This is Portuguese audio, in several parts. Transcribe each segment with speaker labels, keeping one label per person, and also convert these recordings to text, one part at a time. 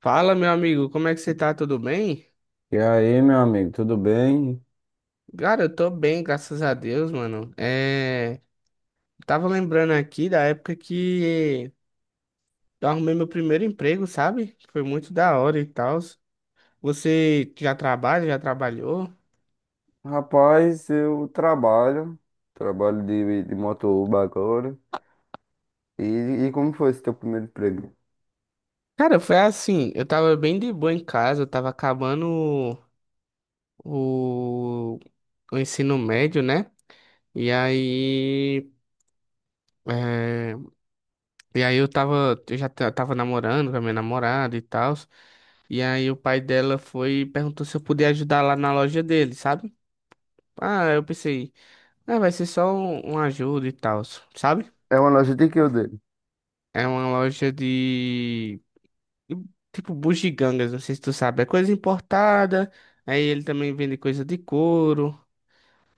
Speaker 1: Fala, meu amigo, como é que você tá? Tudo bem?
Speaker 2: E aí, meu amigo, tudo bem?
Speaker 1: Cara, eu tô bem, graças a Deus, mano. Tava lembrando aqui da época que eu arrumei meu primeiro emprego, sabe? Foi muito da hora e tal. Você já trabalha, já trabalhou?
Speaker 2: Rapaz, eu trabalho, trabalho de motoboy agora. E, e como foi esse teu primeiro emprego?
Speaker 1: Cara, foi assim, eu tava bem de boa em casa, eu tava acabando o, o ensino médio, né? E aí, é, e aí, eu tava, eu já tava namorando com a minha namorada e tal. E aí o pai dela foi e perguntou se eu podia ajudar lá na loja dele, sabe? Ah, eu pensei, ah, vai ser só um ajuda e tal, sabe?
Speaker 2: É uma loja de que eu dei?
Speaker 1: É uma loja de tipo bugigangas, não sei se tu sabe, é coisa importada. Aí ele também vende coisa de couro,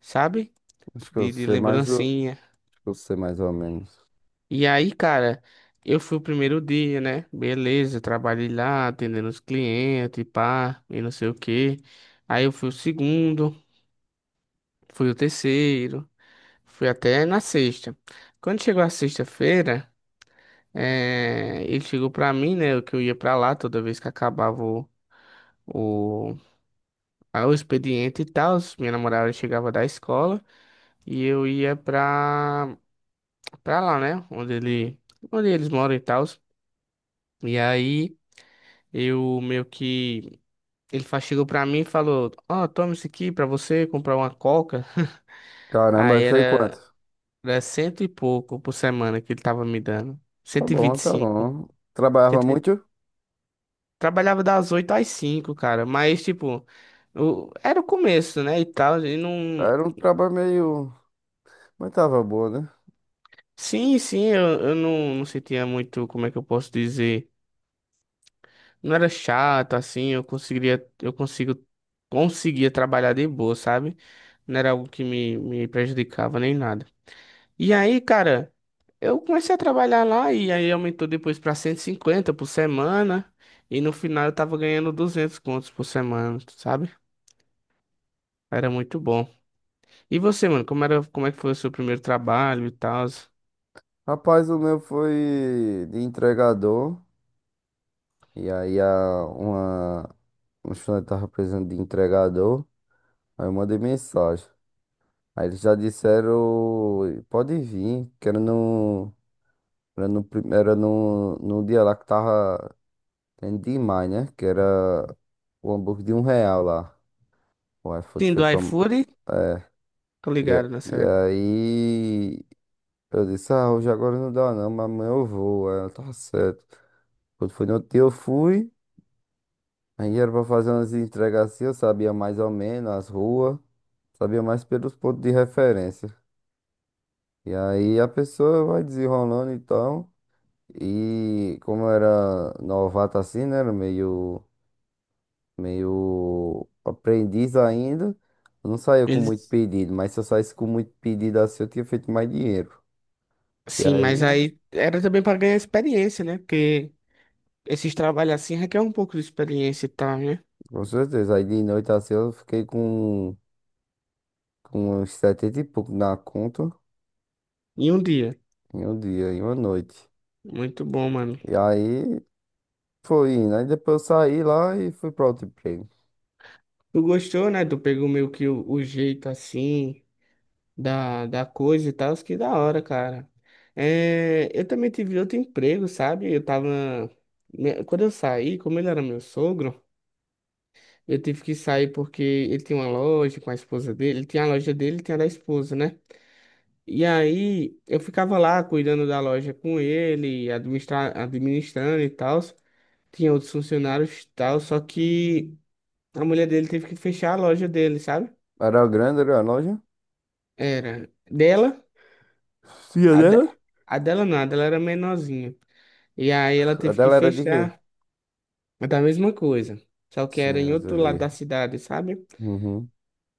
Speaker 1: sabe?
Speaker 2: Acho que eu
Speaker 1: De
Speaker 2: sei mais ou,
Speaker 1: lembrancinha.
Speaker 2: Acho que eu sei mais ou menos.
Speaker 1: E aí, cara, eu fui o primeiro dia, né? Beleza, trabalhei lá, atendendo os clientes, e pá, e não sei o quê. Aí eu fui o segundo, fui o terceiro. Fui até na sexta. Quando chegou a sexta-feira, ele chegou pra mim, né? Que eu ia pra lá toda vez que acabava o, o expediente e tal. Minha namorada chegava da escola e eu ia pra lá, né? Onde onde eles moram e tal. E aí eu meio que. Chegou pra mim e falou: "Ó, toma isso aqui pra você comprar uma coca."
Speaker 2: Caramba,
Speaker 1: Aí
Speaker 2: aí foi
Speaker 1: era,
Speaker 2: quanto?
Speaker 1: era cento e pouco por semana que ele tava me dando.
Speaker 2: Tá bom, tá bom. Trabalhava
Speaker 1: 125.
Speaker 2: muito?
Speaker 1: Trabalhava das 8 às 5, cara, mas tipo, era o começo, né, e tal, e não.
Speaker 2: Era um trabalho meio... Mas tava bom, né?
Speaker 1: Sim, sim, eu não sentia muito, como é que eu posso dizer, não era chato, assim, eu conseguiria, eu consigo, conseguia trabalhar de boa, sabe? Não era algo que me prejudicava nem nada. E aí, cara, eu comecei a trabalhar lá e aí aumentou depois pra 150 por semana, e no final eu tava ganhando 200 contos por semana, sabe? Era muito bom. E você, mano, como é que foi o seu primeiro trabalho e tal?
Speaker 2: Rapaz, o meu foi de entregador. E aí a, uma... Um estudante tava precisando de entregador. Aí eu mandei mensagem. Aí eles já disseram, pode vir, que era no, prim- era no, no dia lá que tava tendo demais, né? Que era o hambúrguer de um real lá. O iFood
Speaker 1: Sim,
Speaker 2: foi
Speaker 1: do
Speaker 2: promo...
Speaker 1: iFood,
Speaker 2: É,
Speaker 1: tô
Speaker 2: e,
Speaker 1: ligado
Speaker 2: a-
Speaker 1: nessa
Speaker 2: e
Speaker 1: época.
Speaker 2: aí eu disse, ah, hoje agora não dá não, mas amanhã eu vou. Aí ela, tá certo. Quando foi no outro dia eu fui, aí era pra fazer umas entregas assim, eu sabia mais ou menos as ruas, sabia mais pelos pontos de referência. E aí a pessoa vai desenrolando então. E como eu era novato assim, né? Era meio, meio aprendiz ainda. Eu não saía com muito
Speaker 1: Eles,
Speaker 2: pedido, mas se eu saísse com muito pedido assim, eu tinha feito mais dinheiro. E
Speaker 1: sim, mas
Speaker 2: aí,
Speaker 1: aí era também pra ganhar experiência, né? Porque esses trabalhos assim requer um pouco de experiência e tal, né?
Speaker 2: com certeza, aí de noite assim eu fiquei com uns 70 e pouco na conta
Speaker 1: Em um dia.
Speaker 2: em um dia, em uma noite.
Speaker 1: Muito bom, mano.
Speaker 2: E aí foi indo. Aí depois eu saí lá e fui pra outro emprego.
Speaker 1: Tu gostou, né? Tu pegou meio que o jeito assim da coisa e tal, isso que da hora, cara. É, eu também tive outro emprego, sabe? Eu tava. Quando eu saí, como ele era meu sogro. Eu tive que sair porque ele tinha uma loja com a esposa dele, ele tinha a loja dele, e tinha a da esposa, né? E aí eu ficava lá cuidando da loja com ele, administrando e tal. Tinha outros funcionários e tal, só que a mulher dele teve que fechar a loja dele, sabe?
Speaker 2: Era grande, era a loja.
Speaker 1: Era dela,
Speaker 2: Sim, a
Speaker 1: a, de-
Speaker 2: dela?
Speaker 1: a dela não, a dela era menorzinha. E aí ela
Speaker 2: A
Speaker 1: teve que
Speaker 2: dela era de quê?
Speaker 1: fechar. Mas da mesma coisa, só que
Speaker 2: Sim,
Speaker 1: era em
Speaker 2: era
Speaker 1: outro lado
Speaker 2: de.
Speaker 1: da cidade, sabe?
Speaker 2: Uhum.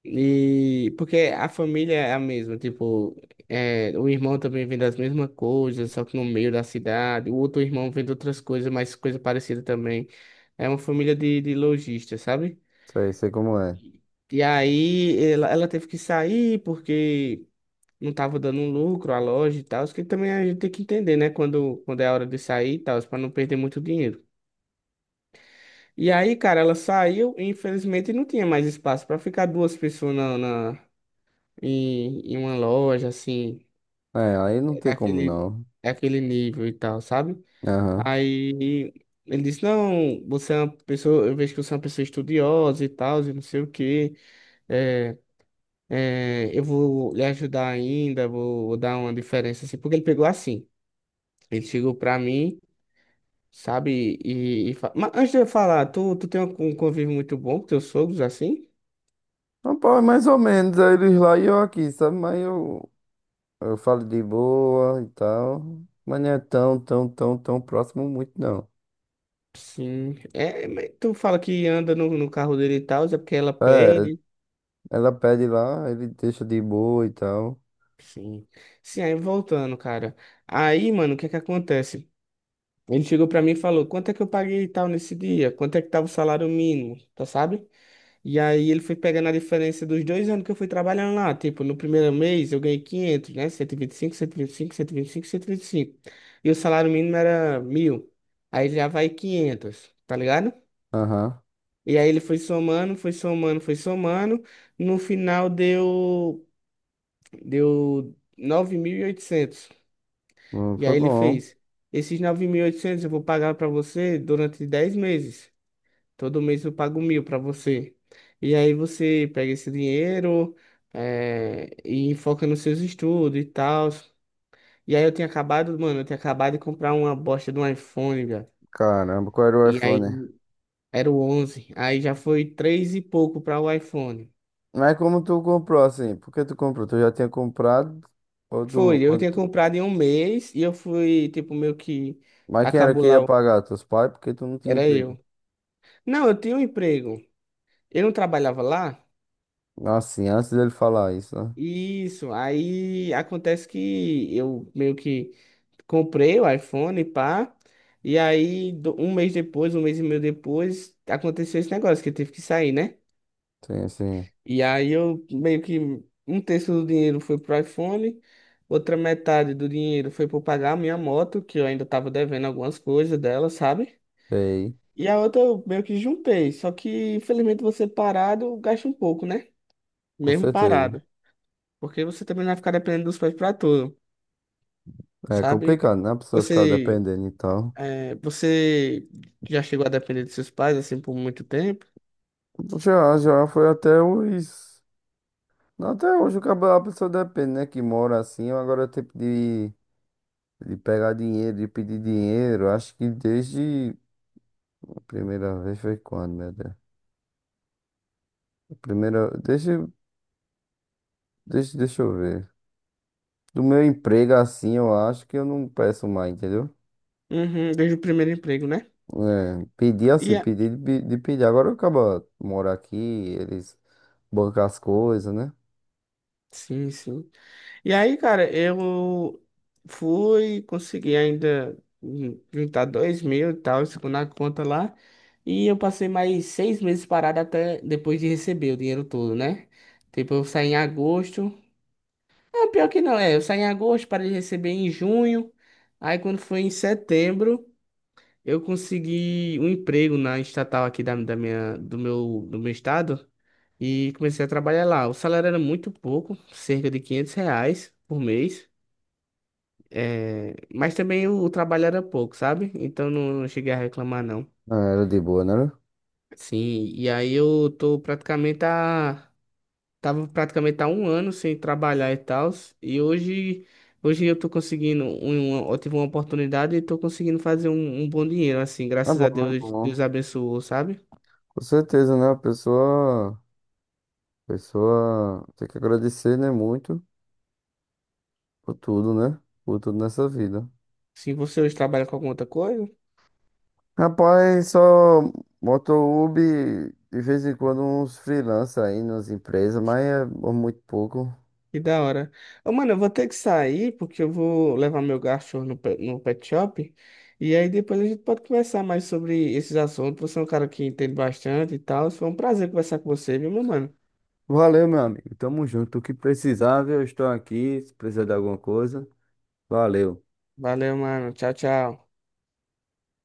Speaker 1: E porque a família é a mesma, tipo, o irmão também vem das mesmas coisas, só que no meio da cidade, o outro irmão vem de outras coisas, mas coisa parecida também. É uma família de lojistas, sabe?
Speaker 2: Sei, sei como é.
Speaker 1: E aí ela teve que sair porque não tava dando lucro a loja e tal, isso que também a gente tem que entender, né? Quando é a hora de sair e tal, para não perder muito dinheiro. E aí, cara, ela saiu e infelizmente não tinha mais espaço para ficar duas pessoas em uma loja, assim,
Speaker 2: É, aí não tem como
Speaker 1: daquele,
Speaker 2: não.
Speaker 1: daquele nível e tal, sabe?
Speaker 2: Aham.
Speaker 1: Aí ele disse, não, você é uma pessoa, eu vejo que você é uma pessoa estudiosa e tal, e não sei o quê, é, eu vou lhe ajudar ainda, vou dar uma diferença, assim, porque ele pegou assim, ele chegou pra mim, sabe, mas antes de eu falar, tu tem um convívio muito bom com teus sogros, assim?
Speaker 2: Rapaz, é mais ou menos, aí eles lá e eu aqui, sabe? Eu falo de boa e tal. Mas não é tão, tão, tão, tão próximo muito, não.
Speaker 1: Sim, é, mas tu fala que anda no carro dele e tal, é porque ela
Speaker 2: É,
Speaker 1: pede.
Speaker 2: ela pede lá, ele deixa de boa e tal.
Speaker 1: Sim. Sim, aí voltando, cara. Aí, mano, o que é que acontece? Ele chegou pra mim e falou: "Quanto é que eu paguei e tal nesse dia? Quanto é que tava o salário mínimo?", tá sabe? E aí ele foi pegando a diferença dos 2 anos que eu fui trabalhando lá, tipo, no primeiro mês eu ganhei 500, né? 125, cento e vinte e vinte e cinco, cento e vinte e cinco cinco cinco cento cento O salário mínimo era 1.000. Aí já vai 500, tá ligado?
Speaker 2: Aham.
Speaker 1: E aí ele foi somando, foi somando, foi somando. No final deu 9.800. E
Speaker 2: Foi
Speaker 1: aí ele
Speaker 2: bom.
Speaker 1: fez: esses 9.800 eu vou pagar para você durante 10 meses. Todo mês eu pago 1.000 para você. E aí você pega esse dinheiro e foca nos seus estudos e tal. E aí eu tinha acabado, mano, eu tinha acabado de comprar uma bosta de um iPhone, velho.
Speaker 2: Caramba, qual era o
Speaker 1: E aí
Speaker 2: iPhone?
Speaker 1: era o 11. Aí já foi três e pouco para o iPhone.
Speaker 2: Mas como tu comprou assim? Por que tu comprou? Tu já tinha comprado? Ou tu,
Speaker 1: Foi, eu
Speaker 2: quando.
Speaker 1: tinha comprado em um mês e eu fui, tipo, meio que
Speaker 2: Mas quem era
Speaker 1: acabou
Speaker 2: que ia
Speaker 1: lá.
Speaker 2: pagar? Teus pais? Porque tu não tinha
Speaker 1: Era
Speaker 2: emprego.
Speaker 1: eu. Não, eu tinha um emprego. Eu não trabalhava lá.
Speaker 2: Assim, antes dele falar isso, né?
Speaker 1: Isso, aí acontece que eu meio que comprei o iPhone, pá, e aí um mês depois, um mês e meio depois, aconteceu esse negócio que eu tive que sair, né?
Speaker 2: Sim, sim.
Speaker 1: E aí eu meio que um terço do dinheiro foi pro iPhone, outra metade do dinheiro foi para pagar a minha moto, que eu ainda tava devendo algumas coisas dela, sabe?
Speaker 2: Ei,
Speaker 1: E a outra eu meio que juntei, só que infelizmente você parado gasta um pouco, né?
Speaker 2: com
Speaker 1: Mesmo
Speaker 2: certeza.
Speaker 1: parado, porque você também não vai ficar dependendo dos pais para tudo,
Speaker 2: É
Speaker 1: sabe?
Speaker 2: complicado, né? A pessoa ficar
Speaker 1: Você,
Speaker 2: dependendo e tal.
Speaker 1: você já chegou a depender dos seus pais assim por muito tempo?
Speaker 2: Já, já foi até os. Não, até hoje o cabo- a pessoa depende, né? Que mora assim, agora tipo de pegar dinheiro, de pedir dinheiro. Acho que desde. A primeira vez foi quando, meu Deus? A primeira. Deixa eu ver. Do meu emprego assim, eu acho que eu não peço mais, entendeu?
Speaker 1: Uhum, desde o primeiro emprego, né?
Speaker 2: É, pedir
Speaker 1: E
Speaker 2: assim,
Speaker 1: a.
Speaker 2: pedir de pedir. Agora eu acabo morar aqui, eles bancam as coisas, né?
Speaker 1: Sim, sim. E aí, cara, eu fui, consegui ainda juntar 2.000 e tal, segundo a conta lá. E eu passei mais 6 meses parado até depois de receber o dinheiro todo, né? Tipo, eu saí em agosto. Ah, pior que não, é. Eu saí em agosto, parei de receber em junho. Aí, quando foi em setembro. Eu consegui um emprego na estatal aqui do meu estado e comecei a trabalhar lá. O salário era muito pouco, cerca de R$ 500 por mês, mas também o trabalho era pouco, sabe? Então não cheguei a reclamar, não.
Speaker 2: Ah, era de boa, né?
Speaker 1: Sim, e aí eu tô praticamente a. Tava praticamente há um ano sem trabalhar e tal, e hoje eu tô conseguindo, eu tive uma oportunidade e tô conseguindo fazer um bom dinheiro, assim,
Speaker 2: É
Speaker 1: graças
Speaker 2: bom,
Speaker 1: a
Speaker 2: é
Speaker 1: Deus, Deus
Speaker 2: bom.
Speaker 1: abençoou, sabe?
Speaker 2: Com certeza, né? A pessoa tem que agradecer, né? Muito por tudo, né? Por tudo nessa vida.
Speaker 1: Se você hoje trabalha com alguma outra coisa,
Speaker 2: Rapaz, só motohub de vez em quando uns freelancers aí nas empresas, mas é muito pouco.
Speaker 1: que da hora. Ô, mano, eu vou ter que sair porque eu vou levar meu cachorro no pet shop. E aí depois a gente pode conversar mais sobre esses assuntos. Você é um cara que entende bastante e tal. Foi um prazer conversar com você, viu, meu mano?
Speaker 2: Valeu, meu amigo. Tamo junto. O que precisar, viu? Eu estou aqui. Se precisar de alguma coisa, valeu.
Speaker 1: Valeu, mano. Tchau, tchau.